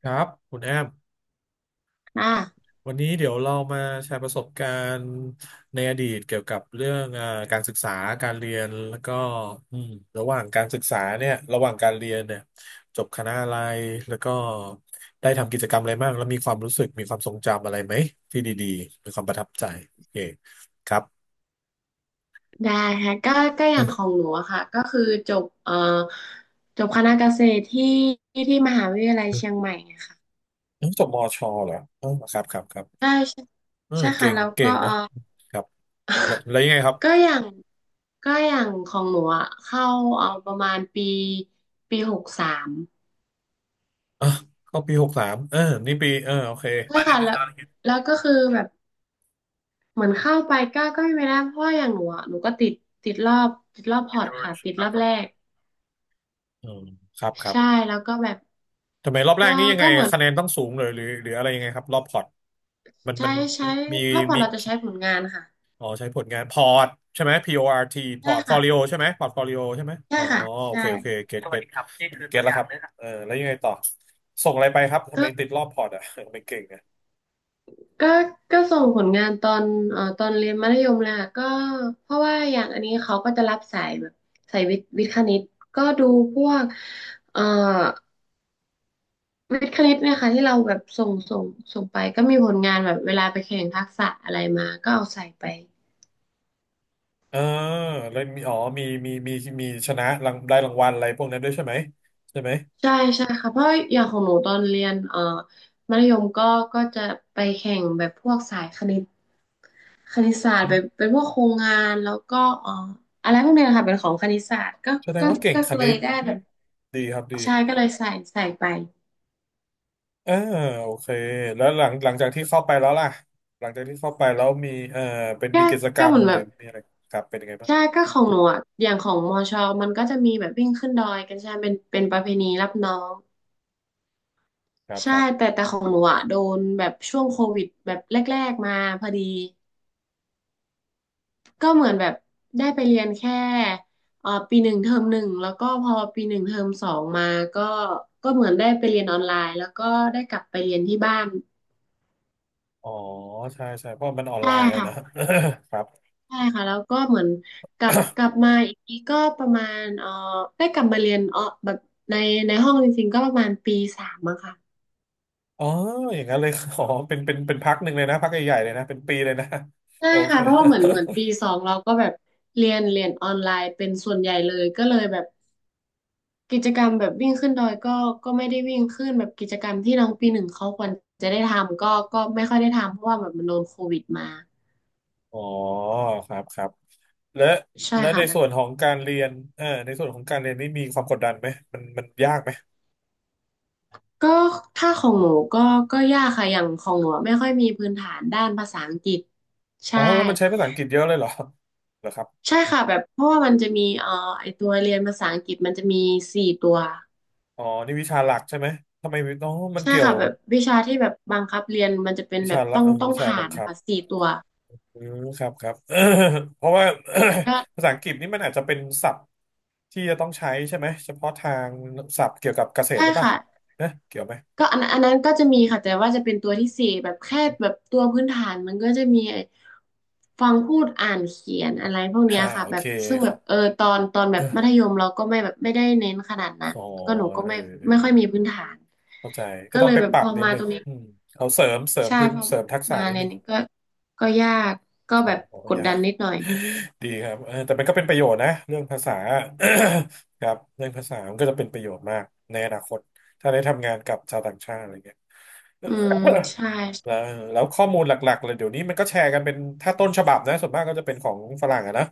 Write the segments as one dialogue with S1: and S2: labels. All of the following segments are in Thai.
S1: ครับคุณแอม
S2: อ่า
S1: วันนี้เดี๋ยวเรามาแชร์ประสบการณ์ในอดีตเกี่ยวกับเรื่องเอ่าการศึกษาการเรียนแล้วก็อืมระหว่างการศึกษาเนี่ยระหว่างการเรียนเนี่ยจบคณะอะไรแล้วก็ได้ทำกิจกรรมอะไรบ้างแล้วมีความรู้สึกมีความทรงจำอะไรไหมที่ดีๆมีความประทับใจโอเคครับ
S2: ได้ค่ะก็อ
S1: เอ
S2: ย่างขอ
S1: อ
S2: งหนูอะค่ะก็คือจบเอ่อจบคณะเกษตรที่มหาวิทยาลัย
S1: เออ
S2: เชียงใหม่ไงค่ะ
S1: เออจบมชเหรอเออครับครับครับ
S2: ใช่ใช่
S1: เออ
S2: ใช่
S1: เก่
S2: ค่ะ
S1: ง
S2: แล้ว
S1: เก่
S2: ก็
S1: งนะครับแล้วยังไงครับ
S2: ก็อย่างก็อย่างของหนูอะเข้าประมาณปีหกสาม
S1: อ่ะเข้าปีหกสามเออนี่ปีเออโอเค
S2: ใช่ค่ะแล้วก็คือแบบเหมือนเข้าไปก็ไม่ได้เพราะว่าอย่างหนูอะหนูก็ติดรอบพอร์ตค่ะติดรอบแรก
S1: อืมครับครับ
S2: ใช่แล้วก็แบบ
S1: ทำไมรอบแร
S2: ก็
S1: กนี้ยังไง
S2: ก็เหมือน
S1: คะแนนต้องสูงเลยหรือหรืออะไรยังไงครับรอบพอร์ตมัน
S2: ใช้
S1: มัน
S2: ใช้
S1: มี
S2: รอบก่อน
S1: มี
S2: เราจะใช้ผลงานค่ะ
S1: อ๋อใช้ผลงานพอร์ตใช่ไหม PORT พ
S2: ใช่
S1: อร์ตฟอ
S2: ค่ะ
S1: ลิโอใช่ไหมพอร์ตฟอลิโอใช่ไหม
S2: ใช่
S1: อ๋อ
S2: ค่ะ
S1: โอ
S2: ใช่
S1: เคโอเคเก็ตเก็ตเก็ตอแล้วครับเลครับเออแล้วยังไงต่อส่งอะไรไปครับทำไม
S2: ก็
S1: ติดรอบพอร์ตอ่ะ ทำไม่เก่งอ่ะ
S2: ก็ก็ส่งผลงานตอนเรียนมัธยมเลยค่ะก็เพราะว่าอย่างอันนี้เขาก็จะรับสายแบบสายวิทย์คณิตก็ดูพวกเอ่อวิทย์คณิตเนี่ยค่ะที่เราแบบส่งไปก็มีผลงานแบบเวลาไปแข่งทักษะอะไรมาก็เอาใส่ไป
S1: เออแล้วมีอ๋อมีมีมีมีชนะรางได้รางวัลอะไรพวกนั้นด้วยใช่ไหมใช่ไหม
S2: ใช่ใช่ค่ะเพราะอย่างของหนูตอนเรียนมัธยมก็จะไปแข่งแบบพวกสายคณิตศาสตร์เป็นพวกโครงงานแล้วก็อะไรพวกเนี้ยค่ะเป็นของคณิตศาสตร์
S1: แสดง
S2: ก็
S1: ว่าเก่ง
S2: ก็
S1: ค
S2: เล
S1: ณิ
S2: ย
S1: ต
S2: ได้แบบ
S1: ดีครับดี
S2: ใช่ก็เลยใส่ไป
S1: เออโอเคแล้วหลังจากที่เข้าไปแล้วล่ะหลังจากที่เข้าไปแล้วมีเออเป็นมี
S2: ก็
S1: กิจกร
S2: ก็
S1: ร
S2: เห
S1: ม
S2: มือน
S1: ห
S2: แบ
S1: รือ
S2: บ
S1: มีอะไรครับเป็นยังไงบ้า
S2: ใช่
S1: ง
S2: ก็ของหนูอะอย่างของมอชอมันก็จะมีแบบวิ่งขึ้นดอยกันใช่ไหมเป็นประเพณีรับน้อง
S1: ครับค
S2: ใช่
S1: รับ
S2: แต่ของหนูอ่ะโดนแบบช่วงโควิดแบบแรกๆมาพอดี ก็เหมือนแบบได้ไปเรียนแค่ปีหนึ่งเทอมหนึ่งแล้วก็พอปีหนึ่งเทอมสองมาก็ก็เหมือนได้ไปเรียนออนไลน์แล้วก็ได้กลับไปเรียนที่บ้าน
S1: อ๋อใช่ใช่เพราะมันออน
S2: ใช่
S1: ไลน์อะ
S2: ค่ะ
S1: นะ ครับ
S2: ใช่ค่ะแล้วก็เหมือนกลับกลับ มาอีกทีก็ประมาณได้กลับมาเรียนแบบในในห้องจริงๆก็ประมาณปีสามอะค่ะ
S1: อ๋ออย่างนั้นเลย อ๋อเป็นเป็นเป็นพักหนึ่งเลยนะพักใหญ่ๆเลยนะเป็นปีเลยนะ
S2: ใช่
S1: โอเค
S2: ค่ะเพราะว่าเหมือนปีสองเราก็แบบเรียนออนไลน์เป็นส่วนใหญ่เลยก็เลยแบบ กิจกรรมแบบวิ่งขึ้นดอยก็ก็ไม่ได้วิ่งขึ้นแบบกิจกรรมที่น้องปีหนึ่งเขาควรจะได้ทำก็ไม่ค่อยได้ทำเพราะว่าแบบมันโดนโควิดมา
S1: อ๋อครับครับและ
S2: ใช่ค่ะ
S1: ใน
S2: แบบ
S1: ส่วนของการเรียนเออในส่วนของการเรียนนี่มีความกดดันไหมมันยากไหม
S2: ก็ถ้าของหนูก็ยากค่ะอย่างของหนูอะไม่ค่อยมีพื้นฐานด้านภาษาอังกฤษ
S1: อ๋อ
S2: ใช่
S1: แล้วมันใช้ภาษาอังกฤษเยอะเลยเหรอเหรอครับ
S2: ใช่ค่ะแบบเพราะว่ามันจะมีไอตัวเรียนภาษาอังกฤษมันจะมีสี่ตัว
S1: อ๋อนี่วิชาหลักใช่ไหมทำไมน้องมัน
S2: ใช่
S1: เกี่ยว
S2: ค่ะแบบวิชาที่แบบบังคับเรียนมันจะเป็น
S1: วิ
S2: แบ
S1: ชา
S2: บ
S1: ละ
S2: ต้อง
S1: เออ
S2: ต้อง
S1: วิชา
S2: ผ่า
S1: บัง
S2: น
S1: คั
S2: นะ
S1: บ
S2: คะสี่ตัว
S1: อืมครับครับ เพราะว่า
S2: ก็
S1: ภาษาอังกฤษนี่มันอาจจะเป็นศัพท์ที่จะต้องใช้ใช่ไหมเฉพาะทางศัพท์เกี่ยวกับเกษตร
S2: ใช่
S1: หรือเปล่า
S2: ค่ะ
S1: นะเกี่ยวไหม
S2: ก็อันนั้นก็จะมีค่ะแต่ว่าจะเป็นตัวที่สี่แบบแค่แบบตัวพื้นฐานมันก็จะมีไอ้ฟังพูดอ่านเขียนอะไรพวกเนี้
S1: อ่า
S2: ยค่ะ
S1: โอ
S2: แบ
S1: เค
S2: บซึ่งแบบตอนแบ
S1: เอ
S2: บ
S1: อ
S2: มัธยมเราก็ไม่แบบไม่ได้เน้นขนาดนั้ น
S1: อ๋อ
S2: ก็หนูก็
S1: เออ
S2: ไม่
S1: เออ
S2: ไม่ค่อยมีพื้นฐาน
S1: เข้าใจก็
S2: ก็
S1: ต้อ
S2: เล
S1: ง
S2: ย
S1: ไป
S2: แบบ
S1: ปรั
S2: พ
S1: บ
S2: อ
S1: นิด
S2: มา
S1: หนึ่
S2: ตร
S1: ง
S2: งนี้
S1: อืมเขาเสริม
S2: ใช่
S1: พื้น
S2: พอ
S1: เสริมทักษะ
S2: มา
S1: นิดห
S2: เน้
S1: นึ่
S2: น
S1: ง
S2: ก็ยากก็
S1: โอ้
S2: แบบ
S1: โห
S2: กด
S1: ยา
S2: ดัน
S1: ก
S2: นิดหน่อย
S1: ดีครับเออแต่มันก็เป็นประโยชน์นะเรื่องภาษา ครับเรื่องภาษามันก็จะเป็นประโยชน์มากในอนาคตถ้าได้ทำงานกับชาวต่างชาติอะไรเงี้ย
S2: อืมใช่
S1: แล้วข้อมูลหลักๆเลยเดี๋ยวนี้มันก็แชร์กันเป็นถ้าต้นฉบับนะส่วนมากก็จะเป็นของฝรั่งอะนะ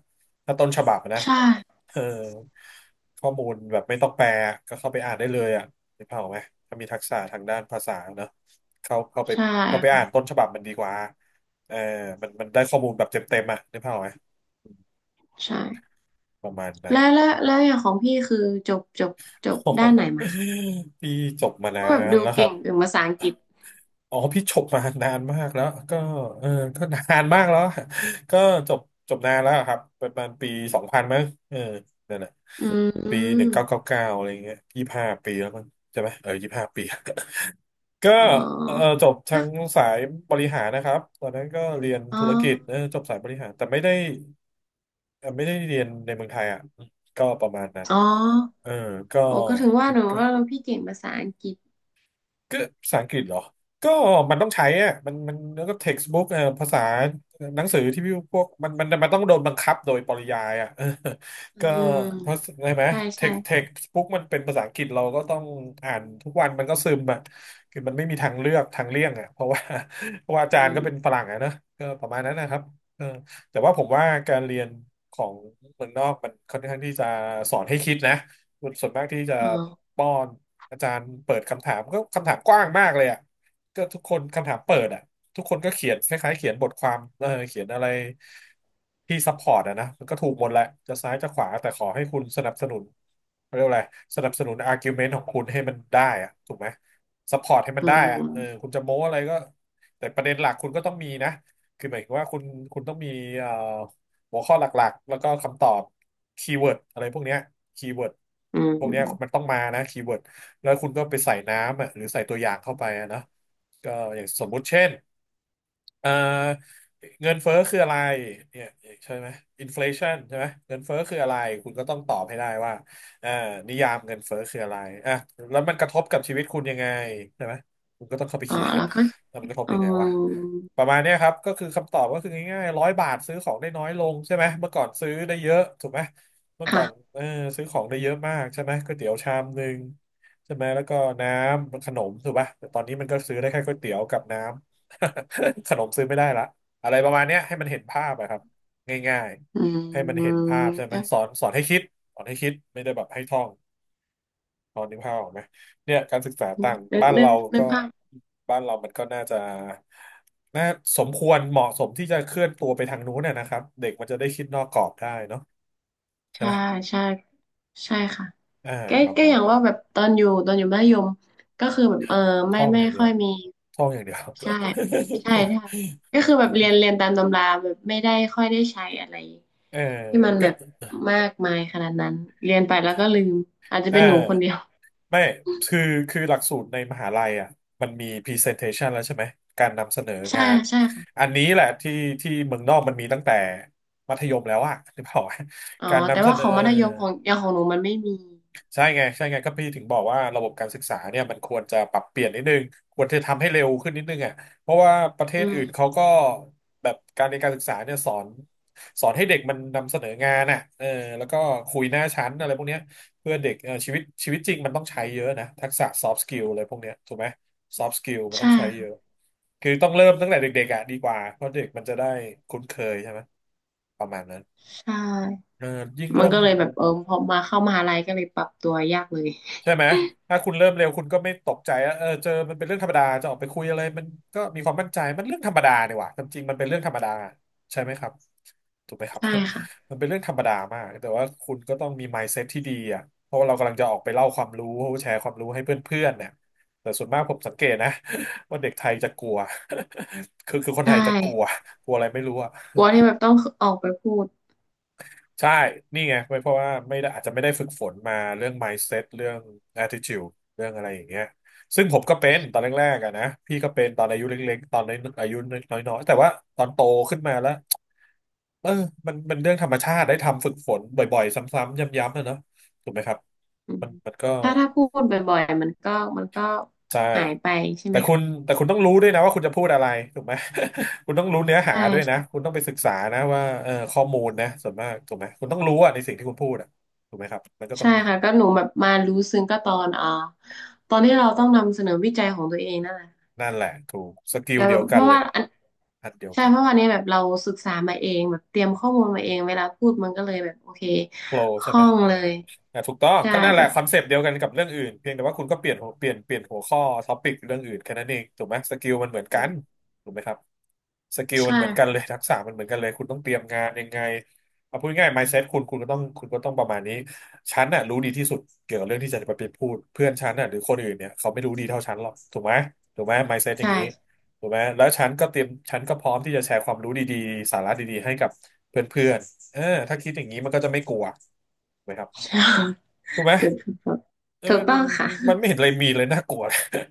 S1: ถ้าต้นฉบับอะนะ
S2: ใช่
S1: เออข้อมูลแบบไม่ต้องแปลก็เข้าไปอ่านได้เลยอ่ะนึกภาพออกไหมถ้ามีทักษะทางด้านภาษาเนอะเข้าไป
S2: ใช่
S1: เข้าไปอ่านต้
S2: ค่ะ
S1: นฉบับมันดีกว่า เออมันได้ข้อมูลแบบเต็มๆอ่ะนึกภาพออกไหม
S2: ใช่
S1: ประมาณนั้น
S2: แล้วอย่างของพี่คือจบจบจบ
S1: โอ้โห
S2: ด้านไหนมาคะ
S1: พี่จบมานา
S2: ก็แบบ
S1: น
S2: ดู
S1: แล้วครั
S2: เก่
S1: บ
S2: งถึงภาษาอังกฤษ
S1: อ๋อพี่จบมานานมากแล้ว ก็เออก็นานมากแล้ว ก็จบจบนานแล้วครับประมาณปีสองพันมั้งเออนั่นแหละ
S2: อื
S1: ปีห
S2: ม
S1: นึ่งเก้าเก้าเก้าอะไรเงี้ยยี่ห้าปีแล้วมั้งใช่ไหม เออยี่ห้าปี ก็
S2: อ๋อ
S1: เออจบทา
S2: ก็
S1: งสายบริหารนะครับตอนนั้นก็เรียน
S2: อ๋อ
S1: ธุรกิจเออจบสายบริหารแต่ไม่ได้ไม่ได้เรียนในเมืองไทยอ่ะก็ประมาณนั้น
S2: อ๋อ
S1: เออก็
S2: โอ้ก็ถึงว่าหนู
S1: ก็
S2: ว่าเราพี่เก่งภาษาอังกฤษ
S1: ก็ภาษาอังกฤษเหรอ ก็มันต้องใช้อะมันแล้วก็ textbook ภาษาหนังสือที่พี่พวกมันต้องโดนบังคับโดยปริยายอ่ะ เออ
S2: อื
S1: ก็
S2: ม
S1: เพราะใช่ไหม
S2: ใช่ใช่
S1: textbook มันเป็นภาษาอังกฤษเราก็ต้องอ่านทุกวันมันก็ซึมอ่ะคือมันไม่มีทางเลือกทางเลี่ยงอ่ะเพราะว่า เพราะว่าอา
S2: อื
S1: จารย์ก็
S2: ม
S1: เป็นฝรั่งอ่ะนะก็ประมาณนั้นนะครับเออแต่ว่าผมว่าการเรียนของเมืองนอกมันค่อนข้างที่จะสอนให้คิดนะส่วนมากที่จะ
S2: อ๋อ
S1: ป้อน อาจารย์เปิดคำถามก็คำถามกว้างมากเลยอ่ะก็ทุกคนคำถามเปิดอ่ะทุกคนก็เขียนคล้ายๆเขียนบทความเออเขียนอะไรที่ซัพพอร์ตอ่ะนะมันก็ถูกหมดแหละจะซ้ายจะขวาแต่ขอให้คุณสนับสนุนเขาเรียกว่าอะไรสนับสนุนอาร์กิวเมนต์ของคุณให้มันได้อ่ะถูกไหมซัพพอร์ตให้มัน
S2: อื
S1: ได้อ่ะเออ
S2: ม
S1: คุณจะโม้อะไรก็แต่ประเด็นหลักคุณก็ต้องมีนะคือหมายถึงว่าคุณต้องมีเอ่อหัวข้อหลักๆแล้วก็คำตอบคีย์เวิร์ดอะไรพวกเนี้ยคีย์เวิร์ด
S2: อื
S1: พวกเนี้ยมัน
S2: ม
S1: ต้องมานะคีย์เวิร์ด แล้วคุณก็ไปใส่น้ำอ่ะหรือใส่ตัวอย่างเข้าไปอะนะก็อย่างสมมุติเช่นเอ่อเงินเฟ้อคืออะไรเนี่ยใช่ไหมอินฟลชันใช่ไหมเงินเฟ้อคืออะไรคุณก็ต้องตอบให้ได้ว่าเอ่อนิยามเงินเฟ้อคืออะไรอ่ะแล้วมันกระทบกับชีวิตคุณยังไงใช่ไหมคุณก็ต้องเข้าไป
S2: อ๋อ
S1: เขียน
S2: แล้วก็
S1: แล้วมันกระทบ
S2: อื
S1: ยังไงวะ
S2: ม
S1: ประมาณเนี้ยครับก็คือคำตอบก็คือง่ายๆ100 บาทซื้อของได้น้อยลงใช่ไหมเมื่อก่อนซื้อได้เยอะถูกไหมเมื่อก่อ
S2: ค่ะ
S1: นเออซื้อของได้เยอะมากใช่ไหมก๋วยเตี๋ยวชามหนึ่ง ใช่ไหมแล้วก็น้ำขนมถูกป่ะแต่ตอนนี้มันก็ซื้อได้แค่ก๋วยเตี๋ยวกับน้ำ ขนมซื้อไม่ได้ละอะไรประมาณเนี้ยให้มันเห็นภาพอะครับง่าย
S2: อื
S1: ๆให้มันเห็น
S2: ม
S1: ภาพใช่ไหมสอนให้คิดสอนให้คิดไม่ได้แบบให้ท่องตอนนึกภาพออกไหมเนี่ยการศึกษาต่าง
S2: ก็นึก
S1: บ้าน
S2: นึกนึก
S1: เรา
S2: นึ
S1: ก็
S2: กภาพ
S1: บ้านเรามันก็น่าจะน่าสมควรเหมาะสมที่จะเคลื่อนตัวไปทางนู้นน่ะนะครับเด็กมันจะได้คิดนอกกรอบได้เนาะใช่
S2: ใช่
S1: ไหม
S2: ใช่ ใช่ค่ะ
S1: อ่า
S2: แก็
S1: ประมา
S2: อ
S1: ณ
S2: ย่าง
S1: นั้
S2: ว่าแบ
S1: น
S2: บตอนอยู่มัธยมก็คือแบบไม่
S1: ท่อง
S2: ไม่
S1: อย่างเดีย
S2: ค่อ
S1: ว
S2: ยมี
S1: ท่องอย่างเดียว
S2: ใช่ใช่ใช่ก็คือแบบเรียนตาม ตำราแบบไม่ได้ค่อยได้ใช้อะไร
S1: เออ
S2: ที่มันแบ
S1: ก็
S2: บมากมายขนาดนั้นเรียนไปแล้วก็ลืมอาจจะ
S1: เออ
S2: เป็นหนูคนเดียว
S1: ไม่คือคือหลักสูตรในมหาลัยอ่ะมันมี presentation แล้วใช่ไหมการนำเสนอ
S2: ใช่
S1: งาน
S2: ใช่
S1: อั
S2: ค่ะ
S1: นนี้แหละที่ที่เมืองนอกมันมีตั้งแต่มัธยมแล้วอ่ะ หรือเปล่า
S2: อ๋อ
S1: การ
S2: แต่
S1: นำเส
S2: ว่า
S1: น
S2: ข
S1: อ
S2: องมัธยมของอย่างของหนูมันไม่มี
S1: ใช่ไงใช่ไงก็พี่ถึงบอกว่าระบบการศึกษาเนี่ยมันควรจะปรับเปลี่ยนนิดนึงควรจะทำให้เร็วขึ้นนิดนึงอ่ะเพราะว่าประเท
S2: อื
S1: ศอื่นเขา
S2: ม
S1: ก็แบบการเรียนการศึกษาเนี่ยสอนให้เด็กมันนำเสนองานอ่ะเออแล้วก็คุยหน้าชั้นอะไรพวกเนี้ยเพื่อเด็กเออชีวิตจริงมันต้องใช้เยอะนะทักษะ soft skill อะไรพวกเนี้ยถูกไหม soft skill มันต้อ
S2: ใช่
S1: งใช้เย
S2: ค่ะ
S1: อะคือต้องเริ่มตั้งแต่เด็กๆอ่ะดีกว่าเพราะเด็กมันจะได้คุ้นเคยใช่ไหมประมาณนั้น
S2: ใช่
S1: เออยิ่ง
S2: มัน
S1: เริ่ม
S2: ก็เลยแบบพอมาเข้ามหาลัยก็เลยปรับตัวยากเลย
S1: ใช่ไหมถ้า คุณเริ่มเร็วคุณก็ไม่ตกใจอะเออเจอมันเป็นเรื่องธรรมดาจะออกไปคุยอะไรมันก็มีความมั่นใจมันเรื่องธรรมดาเนี่ยว่ะความจริงมันเป็นเรื่องธรรมดาใช่ไหมครับถูกไหมครับ
S2: ใช่ค่ะ
S1: มันเป็นเรื่องธรรมดามากแต่ว่าคุณก็ต้องมี mindset ที่ดีอ่ะเพราะว่าเรากำลังจะออกไปเล่าความรู้แชร์ความรู้ให้เพื่อนๆเนี่ยแต่ส่วนมากผมสังเกตนะ ว่าเด็กไทยจะกลัว คือคนไท
S2: ใช่
S1: ยจะกลัวกลัวอะไรไม่รู้อ่ะ
S2: กลัวที่แบบต้องออกไปพูด
S1: ใช่นี่ไงไม่เพราะว่าไม่ได้อาจจะไม่ได้ฝึกฝนมาเรื่อง mindset เรื่อง attitude เรื่องอะไรอย่างเงี้ยซึ่งผมก็เป็นตอนแรกๆอะนะพี่ก็เป็นตอนอายุเล็กๆตอนอายุน้อยๆแต่ว่าตอนโตขึ้นมาแล้วเออมันเรื่องธรรมชาติได้ทำฝึกฝนบ่อยๆซ้ำๆย้ำๆนะเนาะถูกไหมครับ
S2: อืม
S1: มันก็
S2: ถ้าพูดบ่อยๆมันก็
S1: ใช่
S2: หายไปใช่
S1: แต่
S2: ไหม
S1: คุณ
S2: คะ
S1: แต่คุณต้องรู้ด้วยนะว่าคุณจะพูดอะไรถูกไหม คุณต้องรู้เนื้อหา
S2: ใช่
S1: ด้วยนะ
S2: ใช่
S1: คุณต้องไปศึกษานะว่าเออข้อมูลนะส่วนมากถูกไหมคุณต้องรู้อะในสิ่งที่คุณพูดอะถูกไหมครับมันก็ต้อ
S2: ใช่
S1: งมี
S2: ค่ะก็หนูแบบมารู้ซึ้งก็ตอนที่เราต้องนำเสนอวิจัยของตัวเองนั่นแหละ
S1: นั่นแหละถูกสกิล
S2: แบบ
S1: เดี
S2: แบ
S1: ยว
S2: บเพ
S1: กัน
S2: ราะ
S1: เล
S2: ว่า
S1: ย
S2: อัน
S1: อันเดียว
S2: ใช่
S1: กัน
S2: เพราะวันนี้แบบเราศึกษามาเองแบบเตรียมข้อมูลมาเองเวลาพูดมันก็เลยแบบโอเค
S1: โปร
S2: ค
S1: ใช่
S2: ล่
S1: ไหม
S2: อง
S1: เออ
S2: เลย
S1: ถูกต้อง
S2: ใช่
S1: ก็นั่นแห
S2: แบ
S1: ละ
S2: บ
S1: คอนเซปต์เดียวกันกับเรื่องอื่นเพียงแต่ว่าคุณก็เปลี่ยนหัวเปลี่ยนเปลี่ยนหัวข้อท็อปิกเรื่องอื่นแค่นั้นเองถูกไหมสกิลมันเหมือน
S2: อื
S1: กัน
S2: ม
S1: ถูกไหมครับ สกิลมั
S2: ใช่
S1: นเหมือนกันเลย ทักษะมันเหมือนกันเลยคุณต้องเตรียมงานยังไงเอาพูดง่าย mindset คุณก็ต้องประมาณนี้ฉันน่ะรู้ดีที่สุดเกี่ยวกับเรื่องที่จะไปพูดเพื่อนฉันน่ะหรือคนอื่นเนี่ยเขาไม่รู้ดีเท่าฉันหรอกถูกไหมถูกไหม mindset อย่าง
S2: ใช่
S1: นี้ถูกไหมแล้วฉันก็พร้อมที่จะแชร์ความรู้ดีๆสาระดีๆให้กับเพื่อนๆเออถ้าคิดอย่างนี้มันก็จะไม่กลัวถูกไหมครับ
S2: ใช่
S1: ถูกไหม
S2: เกิดผล
S1: เออ
S2: ถูก
S1: ม
S2: ต้องค่ะ
S1: ันมันไม่เห็นอะไรมีเลยน่ากลัว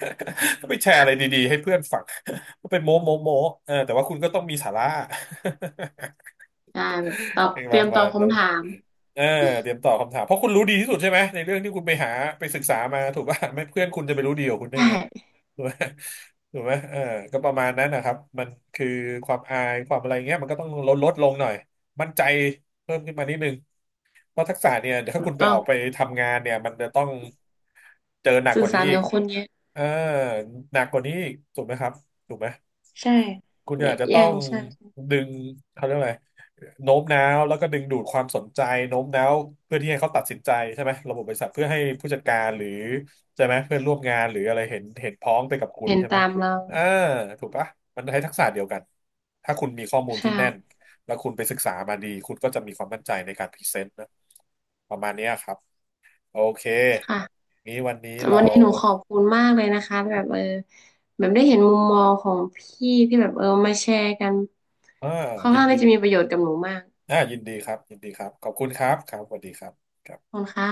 S1: ก็ไปแชร์อะไรดีๆให้เพื่อนฟัง มัเป็นโม้โม้โม้เออแต่ว่าคุณก็ต้องมีสาระ
S2: ใช่แบบตอบ
S1: เปน
S2: เต
S1: ป
S2: รี
S1: ระ
S2: ยมต
S1: มา
S2: อบ
S1: ณนั้
S2: คำ
S1: น
S2: ถาม
S1: เออเตรียมตอบคำถามเพราะคุณรู้ดีที่สุดใช่ไหมในเรื่องที่คุณไปหาไปศึกษามาถูกป่ะไม่เพื่อนคุณจะไปรู้ดีกว่าคุณได้ไง
S2: ใช่
S1: ถูกไหมถูกไหมเออก็ประมาณนั้นนะครับมันคือความอายความอะไรเงี้ยมันก็ต้องลดลงหน่อยมั่นใจเพิ่มขึ้นมานิดนึง เพราะทักษะเนี่ยเดี๋ยวถ้า
S2: ถูก
S1: คุณไป
S2: ต้อ
S1: อ
S2: ง
S1: อกไปทำงานเนี่ยมันจะต้องเจอหนักก
S2: สื่อ
S1: ว่านี้
S2: สาร
S1: อีก
S2: กับคนเยอะ
S1: เออหนักกว่านี้อีกถูกไหมครับถูกไหม
S2: ใช่
S1: คุณ
S2: เย
S1: อาจ
S2: อะ
S1: จะต้
S2: แย่
S1: อ
S2: ง
S1: ง
S2: ใช่
S1: ดึงเขาเรียกอะไรโน้มน้าวแล้วก็ดึงดูดความสนใจโน้มน้าวเพื่อที่ให้เขาตัดสินใจใช่ไหมระบบบริษัทเพื่อให้ผู้จัดการหรือใช่ไหมเพื่อนร่วมงานหรืออะไรเห็นพ้องไปกับคุณ
S2: เห็น
S1: ใช่ไหม
S2: ตามเรา
S1: อ่าถูกปะมันใช้ทักษะเดียวกันถ้าคุณมีข้อมูล
S2: ใช่
S1: ที่แน่นแล้วคุณไปศึกษามาดีคุณก็จะมีความมั่นใจในการพรีเซนต์นะประมาณเนี้ยครับโอเค
S2: ค่ะ
S1: นี้วันนี้
S2: แต่วั
S1: เรา
S2: นนี้หนูขอบคุณมากเลยนะคะแบบแบบได้เห็นมุมมองของพี่ที่แบบมาแชร์กัน
S1: อ่า
S2: ค่อน
S1: ยิน
S2: ข้าง
S1: ดี
S2: ที่จะมีประโยชน์กับหนูมาก
S1: ยินดีครับยินดีครับขอบคุณครับครับสวัสดีครั
S2: ข
S1: บ
S2: อบคุณค่ะ